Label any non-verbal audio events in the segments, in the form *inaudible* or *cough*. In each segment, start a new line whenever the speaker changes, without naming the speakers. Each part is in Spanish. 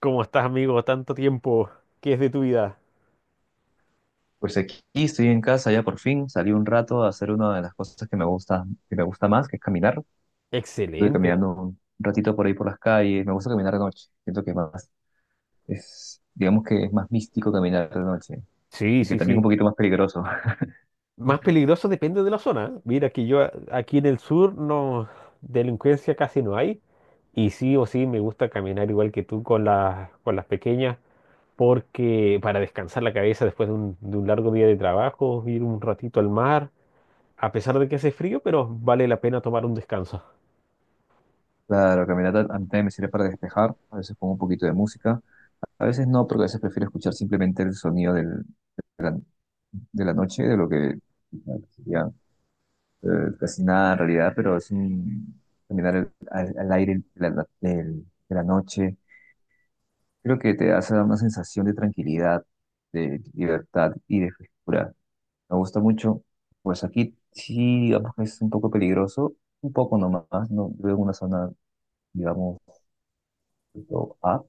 ¿Cómo estás, amigo? Tanto tiempo. ¿Qué es de tu vida?
Pues aquí estoy en casa, ya por fin salí un rato a hacer una de las cosas que me gusta más, que es caminar. Estuve
Excelente.
caminando un ratito por ahí por las calles, me gusta caminar de noche, siento que más es, digamos que es más místico caminar de noche,
Sí,
que
sí,
también un
sí.
poquito más peligroso. *laughs*
Más peligroso depende de la zona, ¿eh? Mira que yo aquí en el sur no delincuencia casi no hay y sí o sí me gusta caminar igual que tú con las pequeñas, porque para descansar la cabeza después de un largo día de trabajo, ir un ratito al mar, a pesar de que hace frío, pero vale la pena tomar un descanso.
Claro, caminar a mí también me sirve para despejar, a veces pongo un poquito de música, a veces no, porque a veces prefiero escuchar simplemente el sonido de de la noche, de lo que eh, casi nada en realidad, pero es un caminar al aire de de la noche. Creo que te hace una sensación de tranquilidad, de libertad y de frescura. Me gusta mucho. Pues aquí sí, digamos que es un poco peligroso, un poco nomás. No veo en una zona, digamos, tipo A,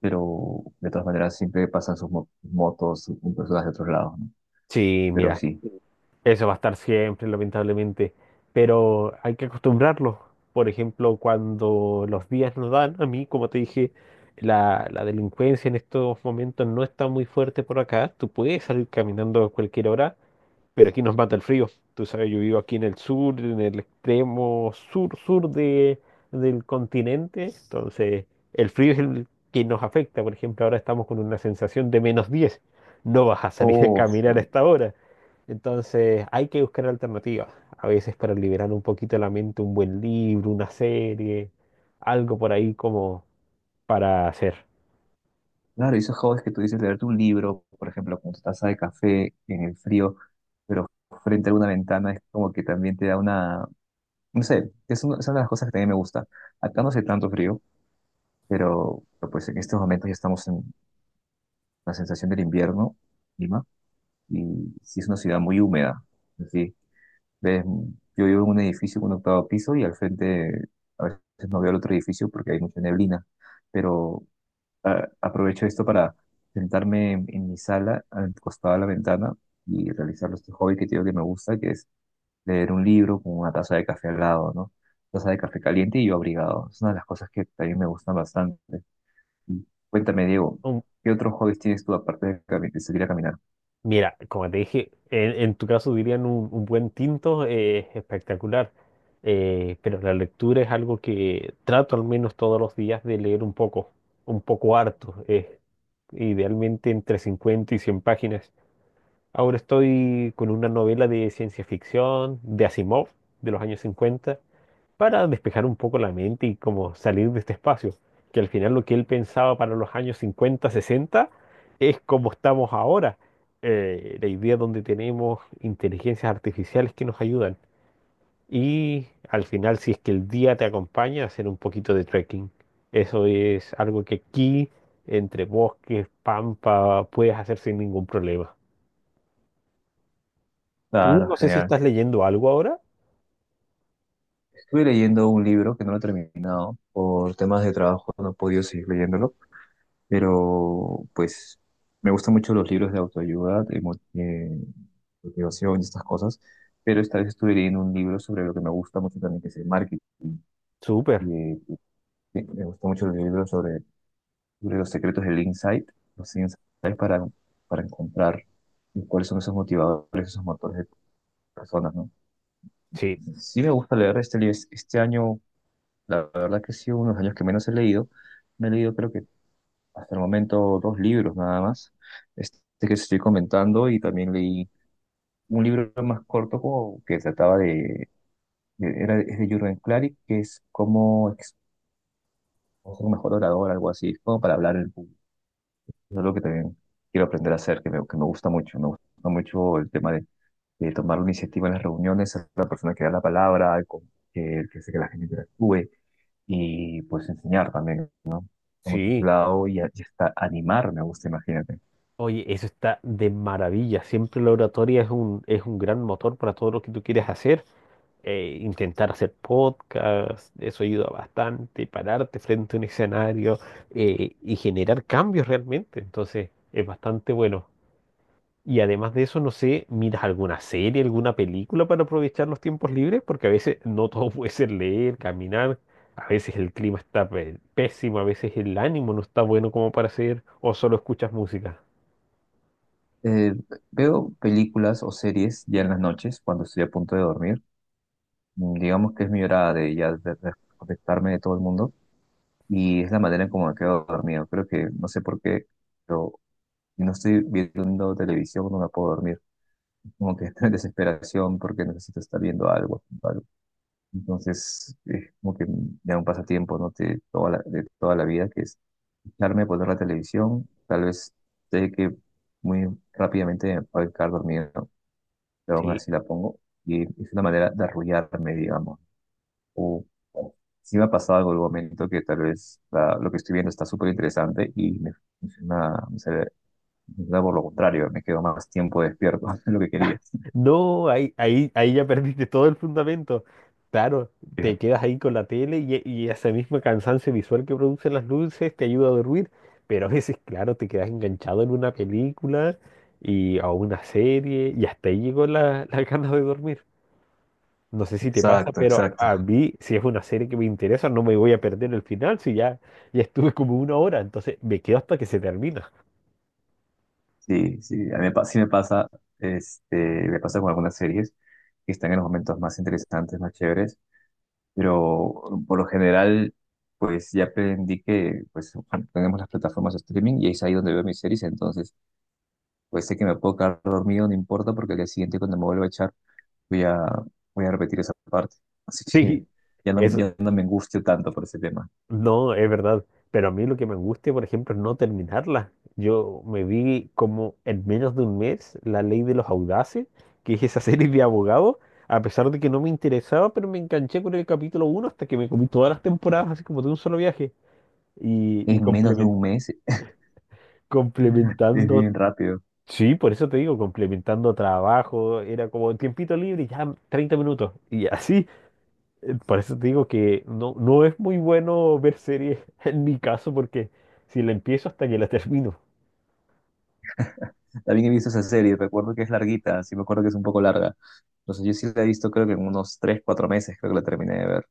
pero de todas maneras siempre pasan sus motos, sus personas de otros lados, ¿no?
Sí,
Pero
mira.
sí.
Eso va a estar siempre, lamentablemente, pero hay que acostumbrarlo. Por ejemplo, cuando los días nos dan, a mí, como te dije, la delincuencia en estos momentos no está muy fuerte por acá. Tú puedes salir caminando a cualquier hora, pero aquí nos mata el frío. Tú sabes, yo vivo aquí en el sur, en el extremo sur-sur del continente. Entonces el frío es el que nos afecta. Por ejemplo, ahora estamos con una sensación de -10. No vas a salir a, oh,
Oh,
caminar a
sí.
esta hora. Entonces hay que buscar alternativas. A veces, para liberar un poquito la mente, un buen libro, una serie, algo por ahí como para hacer.
Claro, y esos hobbies que tú dices, leerte un libro, por ejemplo, con tu taza de café en el frío, pero frente a una ventana, es como que también te da una, no sé, es una de las cosas que también me gusta. Acá no hace tanto frío, pero, pues en estos momentos ya estamos en la sensación del invierno, Lima, y sí es una ciudad muy húmeda. Sí, ves, yo vivo en un edificio con un octavo piso y al frente a veces no veo el otro edificio porque hay mucha neblina, pero aprovecho esto para sentarme en mi sala, al costado de la ventana, y realizar este hobby que tengo que me gusta, que es leer un libro con una taza de café al lado, ¿no? Taza de café caliente y yo abrigado. Es una de las cosas que también me gustan bastante. Y cuéntame, Diego,
Un-
¿qué otros hobbies tienes tú aparte de salir a caminar?
mira, como te dije, en tu caso dirían un buen tinto, espectacular. Pero la lectura es algo que trato al menos todos los días de leer un poco harto, idealmente entre 50 y 100 páginas. Ahora estoy con una novela de ciencia ficción de Asimov de los años 50, para despejar un poco la mente y como salir de este espacio, que al final lo que él pensaba para los años 50-60 es como estamos ahora. La idea donde tenemos inteligencias artificiales que nos ayudan. Y al final, si es que el día te acompaña, hacer un poquito de trekking. Eso es algo que aquí, entre bosques, pampa, puedes hacer sin ningún problema. Tú,
Claro,
no sé si
genial.
estás leyendo algo ahora.
Estuve leyendo un libro que no lo he terminado. Por temas de trabajo no he podido seguir leyéndolo pero pues me gustan mucho los libros de autoayuda, de motivación y estas cosas, pero esta vez estuve leyendo un libro sobre lo que me gusta mucho también, que es el marketing.
Súper.
Y, Me gustan mucho los libros sobre los secretos del insight, los insights para, para encontrar cuáles son esos motivadores, esos motores de personas, ¿no?
Sí,
Sí me gusta leer este libro. Este año, la verdad que sí, unos años que menos he leído. Me he leído creo que hasta el momento dos libros nada más. Este que estoy comentando y también leí un libro más corto como que trataba de- era, es de Jürgen Klarik, que es cómo ser un mejor orador, algo así, como para hablar en público. Es algo que también quiero aprender a hacer, que me gusta mucho. Me gusta mucho el tema de tomar la iniciativa en las reuniones, ser la persona que da la palabra, el que hace que la gente interactúe y pues enseñar también, ¿no? Por mucho ese
sí.
lado y hasta animar, me gusta, imagínate.
Oye, eso está de maravilla. Siempre la oratoria es un gran motor para todo lo que tú quieres hacer. Intentar hacer podcast, eso ayuda bastante. Pararte frente a un escenario y generar cambios realmente. Entonces, es bastante bueno. Y además de eso, no sé, ¿miras alguna serie, alguna película para aprovechar los tiempos libres? Porque a veces no todo *laughs* puede ser leer, caminar. A veces el clima está pésimo, a veces el ánimo no está bueno como para hacer, o solo escuchas música.
Eh, Veo películas o series ya en las noches cuando estoy a punto de dormir. Digamos que es mi hora de ya de desconectarme de todo el mundo y es la manera en cómo me quedo dormido. Creo que no sé por qué, pero si no estoy viendo televisión no me puedo dormir. Como que estoy en desesperación porque necesito estar viendo algo, haciendo algo. Entonces es como que ya un pasatiempo, ¿no? De de toda la vida que es echarme a poner la televisión. Tal vez sé que muy rápidamente me voy a quedar dormido pero aún
Sí.
así la pongo. Y es una manera de arrullarme, digamos. O o sí me ha pasado algo en algún momento que tal vez lo que estoy viendo está súper interesante y funciona, me sale- me funciona por lo contrario, me quedo más tiempo despierto *laughs* de lo que quería.
No, ahí ya *laughs* perdiste todo el fundamento. Claro,
Eh,
te quedas ahí con la tele y ese mismo cansancio visual que producen las luces te ayuda a dormir, pero a veces, claro, te quedas enganchado en una película y a una serie y hasta ahí llegó la, *laughs* la ganas de dormir. No sé si te pasa,
Exacto,
pero
exacto.
a mí, si es una serie que me interesa, no me voy a perder el final. Si ya, estuve como una hora, entonces me quedo hasta que se termina. *laughs*
Sí, sí, a mí me pa- sí me pasa, este, me pasa con algunas series que están en los momentos más interesantes, más chéveres, pero por lo general, pues ya aprendí que pues bueno, tenemos las plataformas de streaming y es ahí donde veo mis series, entonces pues sé que me puedo quedar dormido, no importa, porque al día siguiente cuando me vuelva a echar voy a, voy a repetir esa parte. *laughs* Así que
Sí,
ya no,
eso.
ya no me angustio tanto por ese tema.
No, es verdad. Pero a mí lo que me angustia, por ejemplo, es no terminarla. Yo me vi como en menos de un mes La Ley de los Audaces, que es esa *laughs* serie de abogados. A pesar de que no me interesaba, pero me enganché con el capítulo uno hasta que me comí todas las temporadas, así como de un solo viaje. Y, y
¿En menos de un
complemen-
mes? *laughs* Es
complementando,
bien rápido.
sí, por eso te digo, complementando trabajo, era como tiempito libre, ya 30 minutos. Y así, por eso te digo que no, no es muy bueno ver series *laughs* en mi caso, porque si la empiezo, hasta que la termino.
También he visto esa serie, recuerdo que es larguita, sí me acuerdo que es un poco larga. Entonces yo sí la he visto creo que en unos 3 4 meses creo que la terminé de ver.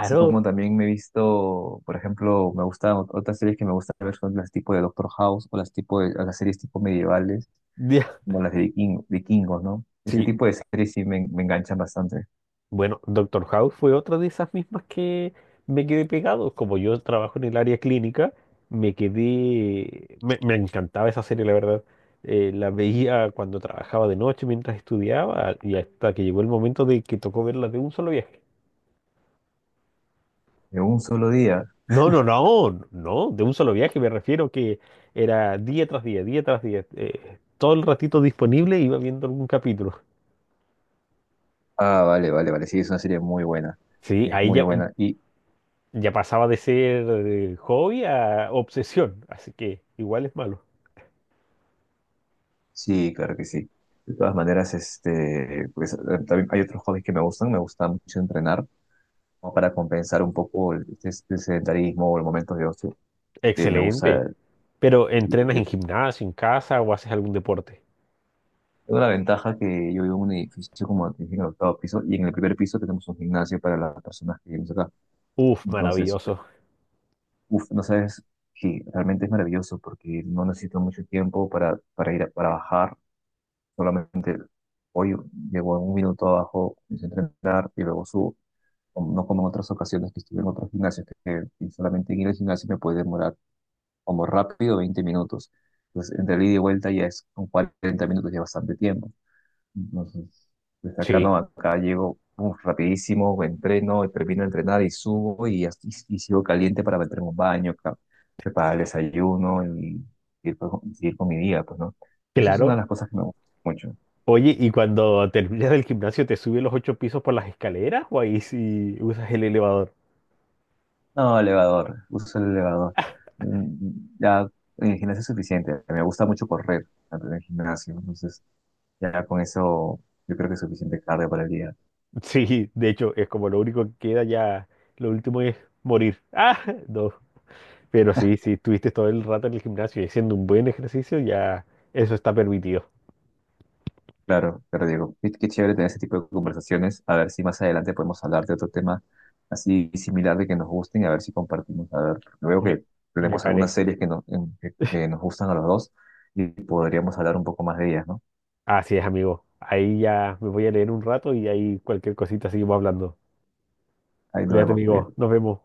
Así como también me he visto, por ejemplo, me gustan otras series que me gusta ver son las tipo de Doctor House o las tipo las series tipo medievales
Ya.
como las de vikingos, ¿no? Ese
Sí,
tipo de series me enganchan bastante.
bueno, Doctor House fue otra de esas mismas que me quedé pegado. Como yo trabajo en el área clínica, me quedé. Me encantaba esa serie, la verdad. La veía cuando trabajaba de noche mientras estudiaba, y hasta que llegó el momento de que tocó verla de un solo viaje.
De un solo día.
No, no, no, no, de un solo viaje me refiero que era día tras día, día tras día. Todo el ratito disponible iba viendo algún capítulo.
Ah, vale, vale, vale. Sí, es una serie muy buena.
Sí,
Es
ahí
muy
ya,
buena. Y
ya pasaba de ser hobby a obsesión, así que igual es malo.
sí, claro que sí. De todas maneras, este, pues, también hay otros hobbies que me gustan. Me gusta mucho entrenar como para compensar un poco el sedentarismo o los momentos de ocio que me
Excelente,
gusta.
pero
Y,
¿entrenas en
eh,
gimnasio, en casa o haces algún deporte?
Tengo la ventaja que yo vivo en un edificio como te dije, en el octavo piso y en el primer piso tenemos un gimnasio para las personas que vivimos acá.
Uf,
Entonces,
maravilloso.
uf, no sabes, sí, realmente es maravilloso porque no necesito mucho tiempo para bajar. Solamente hoy llevo un minuto abajo, empiezo a entrenar y luego subo. O no como en otras ocasiones que estuve en otros gimnasios, que solamente en ir al gimnasio me puede demorar como rápido 20 minutos. Entonces, entre el ida y vuelta ya es con 40 minutos, ya bastante tiempo. Entonces, desde acá
Sí,
no, acá llego uf, rapidísimo, entreno, termino de entrenar y subo y sigo caliente para meterme un baño, preparar el desayuno y, seguir con mi día, pues, ¿no? Eso es una de
claro.
las cosas que me gusta mucho.
Oye, ¿y cuando terminas del gimnasio te subes los ocho pisos por las escaleras o ahí sí usas el elevador?
No, elevador, uso el elevador. Mm, ya en el gimnasio es suficiente, me gusta mucho correr antes del gimnasio, entonces ya con eso yo creo que es suficiente carga para el día.
Sí, de hecho, es como lo único que queda ya, lo último es morir. *laughs* Ah, no. Pero sí, si estuviste todo el rato en el gimnasio y haciendo un buen ejercicio, ya eso está permitido.
Claro, pero Diego, qué, qué chévere tener ese tipo de conversaciones. A ver si más adelante podemos hablar de otro tema así similar de que nos gusten y a ver si compartimos. A ver, veo que
Me, me
tenemos algunas
parece.
series que que nos gustan a los dos y podríamos hablar un poco más de ellas, ¿no?
Así es, amigo. Ahí ya me voy a leer un rato y ahí cualquier cosita seguimos hablando.
Ahí nos
Cuídate,
vemos,
amigo.
cuídate.
Nos vemos.